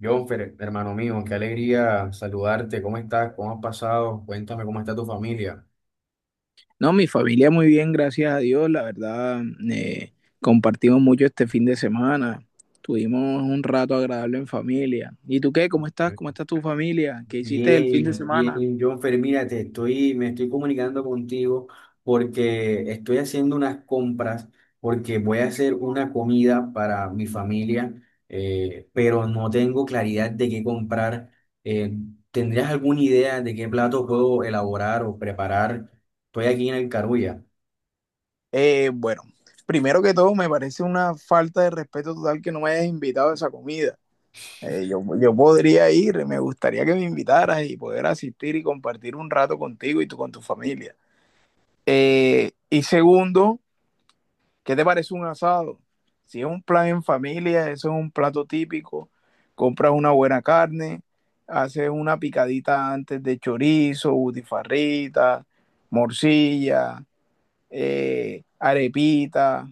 Jonfer, hermano mío, qué alegría saludarte. ¿Cómo estás? ¿Cómo has pasado? Cuéntame cómo está tu familia. No, mi familia muy bien, gracias a Dios. La verdad, eh, compartimos mucho este fin de semana. Tuvimos un rato agradable en familia. ¿Y tú qué? ¿Cómo estás? ¿Cómo está tu familia? ¿Qué hiciste el fin de Bien, semana? bien, Jonfer, mira, me estoy comunicando contigo porque estoy haciendo unas compras, porque voy a hacer una comida para mi familia, pero no tengo claridad de qué comprar. Eh, ¿Tendrías alguna idea de qué plato puedo elaborar o preparar? Estoy aquí en el Carulla. Bueno, primero que todo, me parece una falta de respeto total que no me hayas invitado a esa comida. Yo podría ir, me gustaría que me invitaras y poder asistir y compartir un rato contigo y tú con tu familia. Y segundo, ¿qué te parece un asado? Si es un plan en familia, eso es un plato típico. Compras una buena carne, haces una picadita antes de chorizo, butifarrita, morcilla, arepita.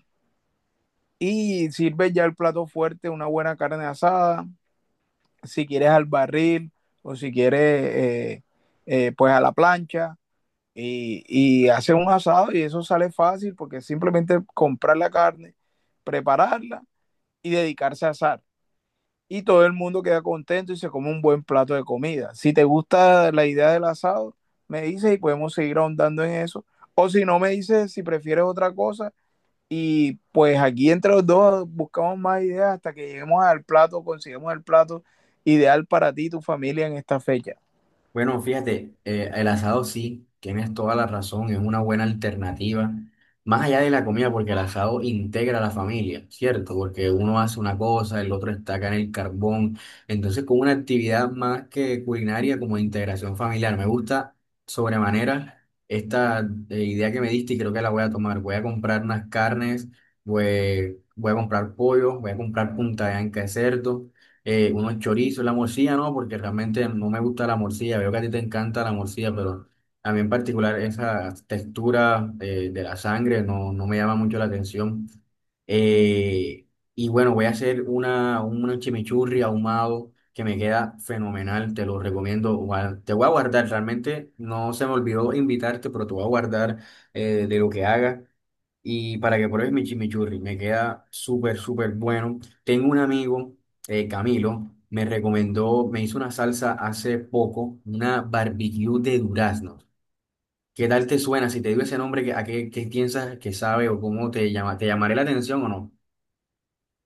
Y sirves ya el plato fuerte, una buena carne asada, si quieres al barril o si quieres pues a la plancha. Y haces un asado y eso sale fácil porque simplemente comprar la carne, prepararla y dedicarse a asar. Y todo el mundo queda contento y se come un buen plato de comida. Si te gusta la idea del asado, me dices y podemos seguir ahondando en eso. O si no, me dices si prefieres otra cosa. Y pues aquí entre los dos buscamos más ideas hasta que lleguemos al plato, consigamos el plato ideal para ti y tu familia en esta fecha. Bueno, fíjate, el asado sí, tienes toda la razón, es una buena alternativa, más allá de la comida, porque el asado integra a la familia, ¿cierto? Porque uno hace una cosa, el otro está acá en el carbón, entonces con una actividad más que culinaria como de integración familiar, me gusta sobremanera esta idea que me diste y creo que la voy a tomar, voy a comprar unas carnes, voy a comprar pollo, voy a comprar punta de anca de cerdo, unos chorizos, la morcilla no, porque realmente no me gusta la morcilla, veo que a ti te encanta la morcilla, pero a mí en particular esa textura, de la sangre no, no me llama mucho la atención. Eh, y bueno, voy a hacer un chimichurri ahumado que me queda fenomenal, te lo recomiendo. Te voy a guardar, realmente no se me olvidó invitarte, pero te voy a guardar, de lo que haga. Y para que pruebes mi chimichurri, me queda súper, súper bueno. Tengo un amigo, Camilo, me recomendó, me hizo una salsa hace poco, una barbecue de duraznos. ¿Qué tal te suena? Si te digo ese nombre, ¿a qué, qué piensas que sabe o cómo te llama? ¿Te llamaré la atención o no?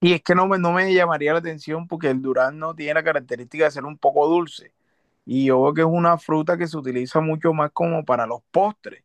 Y es que no me llamaría la atención porque el durazno tiene la característica de ser un poco dulce. Y yo veo que es una fruta que se utiliza mucho más como para los postres.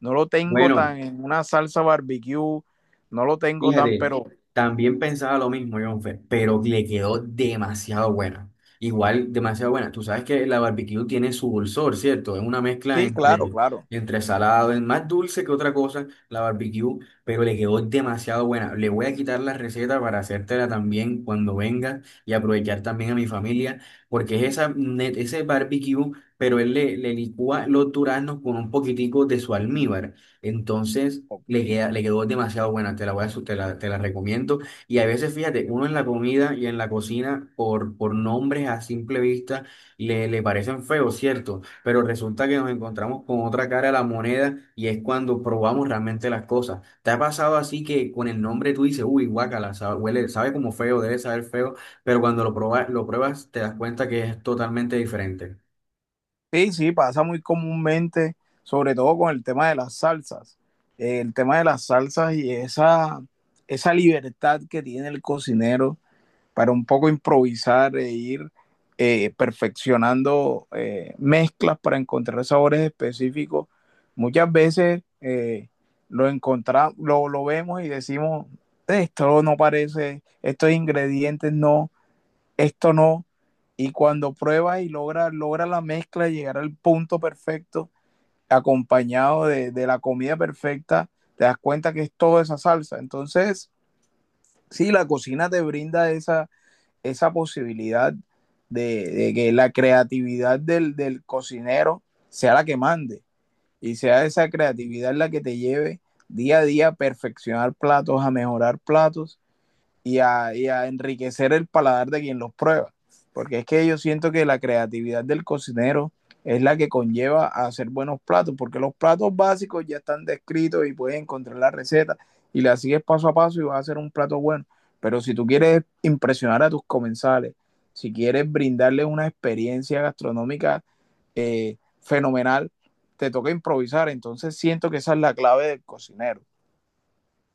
No lo tengo Bueno, tan en una salsa barbecue, no lo tengo tan, fíjate, pero también pensaba lo mismo, Jonfer, pero le quedó demasiado buena. Igual, demasiado buena. Tú sabes que la barbecue tiene su dulzor, ¿cierto? Es una mezcla sí, claro, claro. entre salado, es más dulce que otra cosa, la barbecue, pero le quedó demasiado buena. Le voy a quitar la receta para hacértela también cuando venga y aprovechar también a mi familia, porque es esa, ese barbecue, pero le licúa los duraznos con un poquitico de su almíbar. Entonces Ok. Le quedó demasiado buena, te la voy a, su- te la recomiendo. Y a veces, fíjate, uno en la comida y en la cocina, por nombres a simple vista, le parecen feos, ¿cierto? Pero resulta que nos encontramos con otra cara a la moneda y es cuando probamos realmente las cosas. ¿Te ha pasado así que con el nombre tú dices, uy, guácala, sabe, huele, sabe como feo, debe saber feo, pero cuando lo pruebas te das cuenta que es totalmente diferente? Sí, sí, pasa muy comúnmente, sobre todo con el tema de las salsas. El tema de las salsas y esa libertad que tiene el cocinero para un poco improvisar e ir perfeccionando mezclas para encontrar sabores específicos. Muchas veces encontramos, vemos y decimos, esto no parece, estos ingredientes no, esto no. Y cuando pruebas y logra la mezcla, llegar al punto perfecto, acompañado de la comida perfecta, te das cuenta que es toda esa salsa. Entonces, sí, la cocina te brinda esa posibilidad de que la creatividad del cocinero sea la que mande y sea esa creatividad la que te lleve día a día a perfeccionar platos, a mejorar platos y a enriquecer el paladar de quien los prueba. Porque es que yo siento que la creatividad del cocinero es la que conlleva a hacer buenos platos, porque los platos básicos ya están descritos y puedes encontrar la receta y la sigues paso a paso y vas a hacer un plato bueno. Pero si tú quieres impresionar a tus comensales, si quieres brindarles una experiencia gastronómica fenomenal, te toca improvisar. Entonces siento que esa es la clave del cocinero.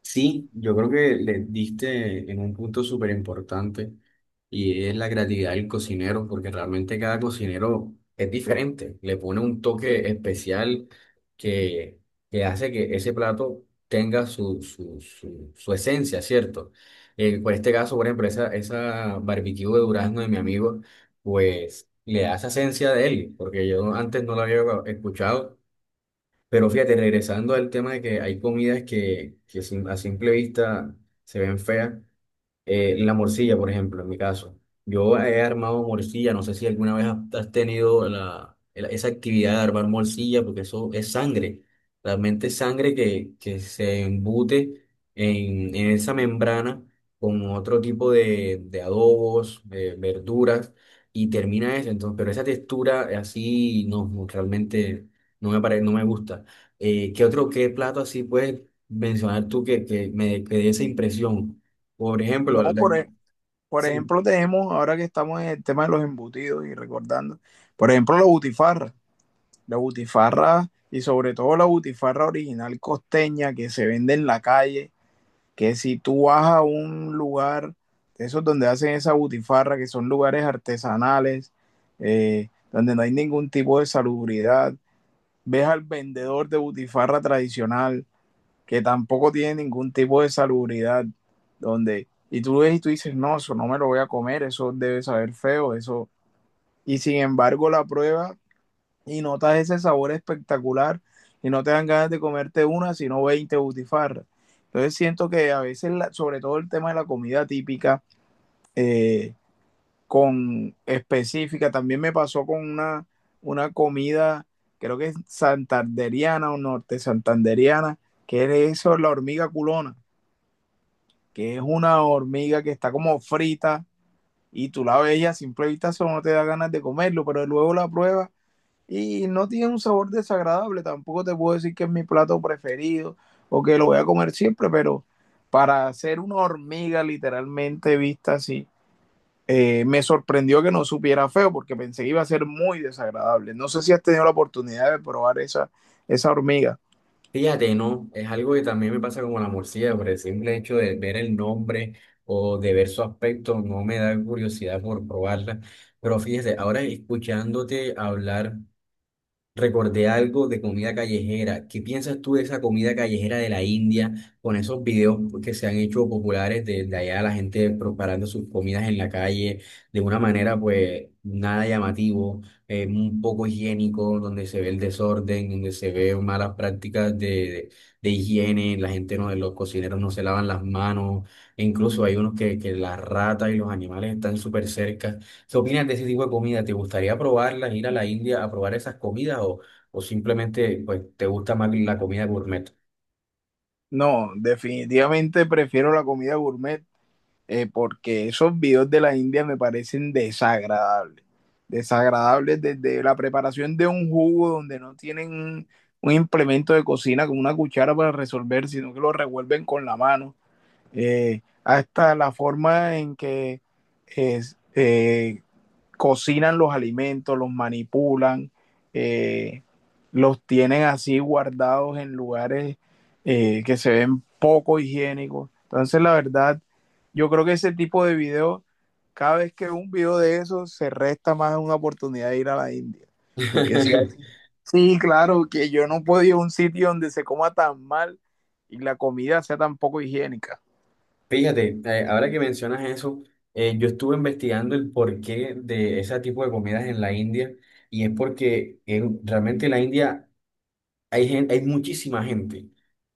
Sí, yo creo que le diste en un punto súper importante y es la creatividad del cocinero, porque realmente cada cocinero es diferente, le pone un toque especial que, que hace que ese plato tenga su esencia, ¿cierto? Por este caso, por ejemplo, esa barbecue de durazno de mi amigo, pues le da esa esencia de él, porque yo antes no lo había escuchado. Pero fíjate, regresando al tema de que hay comidas que a simple vista se ven feas, la morcilla, por ejemplo, en mi caso. Yo he armado morcilla, no sé si alguna vez has tenido esa actividad de armar morcilla, porque eso es sangre, realmente es sangre que se embute en esa membrana con otro tipo de adobos, verduras, y termina eso. Entonces, pero esa textura así no, no, realmente no me gusta. ¿Qué plato así puedes mencionar tú que dé esa impresión? Por No ejemplo, por, el, Por sí, ejemplo, tenemos, ahora que estamos en el tema de los embutidos y recordando, por ejemplo, la butifarra y sobre todo la butifarra original costeña que se vende en la calle, que si tú vas a un lugar, de esos donde hacen esa butifarra, que son lugares artesanales, donde no hay ningún tipo de salubridad, ves al vendedor de butifarra tradicional que tampoco tiene ningún tipo de salubridad, donde, y tú ves y tú dices, no, eso no me lo voy a comer, eso debe saber feo, eso, y sin embargo la prueba y notas ese sabor espectacular y no te dan ganas de comerte una, sino 20 butifarras. Entonces siento que a veces, la, sobre todo el tema de la comida típica, eh, con específica, también me pasó con una comida, creo que es santanderiana o norte santanderiana, que es eso, la hormiga culona, que es una hormiga que está como frita y tú la ves y a simple vista solo no te da ganas de comerlo, pero luego la pruebas y no tiene un sabor desagradable. Tampoco te puedo decir que es mi plato preferido o que lo voy a comer siempre, pero para hacer una hormiga literalmente vista así, me sorprendió que no supiera feo porque pensé que iba a ser muy desagradable. No sé si has tenido la oportunidad de probar esa hormiga. fíjate, ¿no? Es algo que también me pasa como la morcilla, por el simple hecho de ver el nombre o de ver su aspecto, no me da curiosidad por probarla. Pero fíjate, ahora escuchándote hablar recordé algo de comida callejera. ¿Qué piensas tú de esa comida callejera de la India con esos videos que se han hecho populares de allá, la gente preparando sus comidas en la calle de una manera pues nada llamativo, un poco higiénico, donde se ve el desorden, donde se ve malas prácticas de higiene, la gente no, los cocineros no se lavan las manos, e incluso hay unos que las ratas y los animales están súper cerca. ¿Qué opinas de ese tipo de comida? ¿Te gustaría probarlas, ir a la India a probar esas comidas o simplemente pues, te gusta más la comida gourmet? No, definitivamente prefiero la comida gourmet porque esos videos de la India me parecen desagradables. Desagradables desde la preparación de un jugo donde no tienen un implemento de cocina como una cuchara para resolver, sino que lo revuelven con la mano. Hasta la forma en que es, eh, cocinan los alimentos, los manipulan, eh, los tienen así guardados en lugares que se ven poco higiénicos. Entonces, la verdad, yo creo que ese tipo de video, cada vez que un video de eso, se resta más una oportunidad de ir a la India. Porque sí, sí claro, que yo no puedo ir a un sitio donde se coma tan mal y la comida sea tan poco higiénica. Fíjate, ahora que mencionas eso, yo estuve investigando el porqué de ese tipo de comidas en la India y es porque realmente la India hay gente, hay muchísima gente.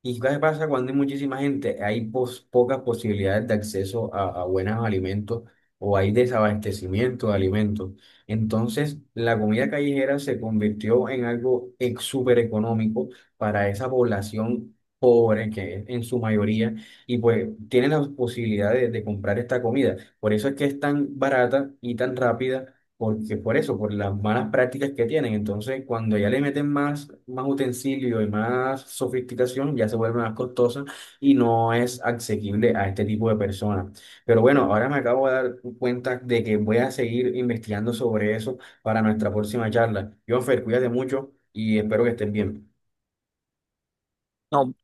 ¿Y qué pasa cuando hay muchísima gente? Hay pocas posibilidades de acceso a buenos alimentos o hay desabastecimiento de alimentos. Entonces, la comida callejera se convirtió en algo súper económico para esa población pobre que es en su mayoría y pues tienen las posibilidades de comprar esta comida. Por eso es que es tan barata y tan rápida porque por eso, por las malas prácticas que tienen. Entonces, cuando ya le meten más utensilio y más sofisticación, ya se vuelve más costosa y no es asequible a este tipo de personas. Pero bueno, ahora me acabo de dar cuenta de que voy a seguir investigando sobre eso para nuestra próxima charla. Jonfer, cuídate mucho y espero que estés bien. No, no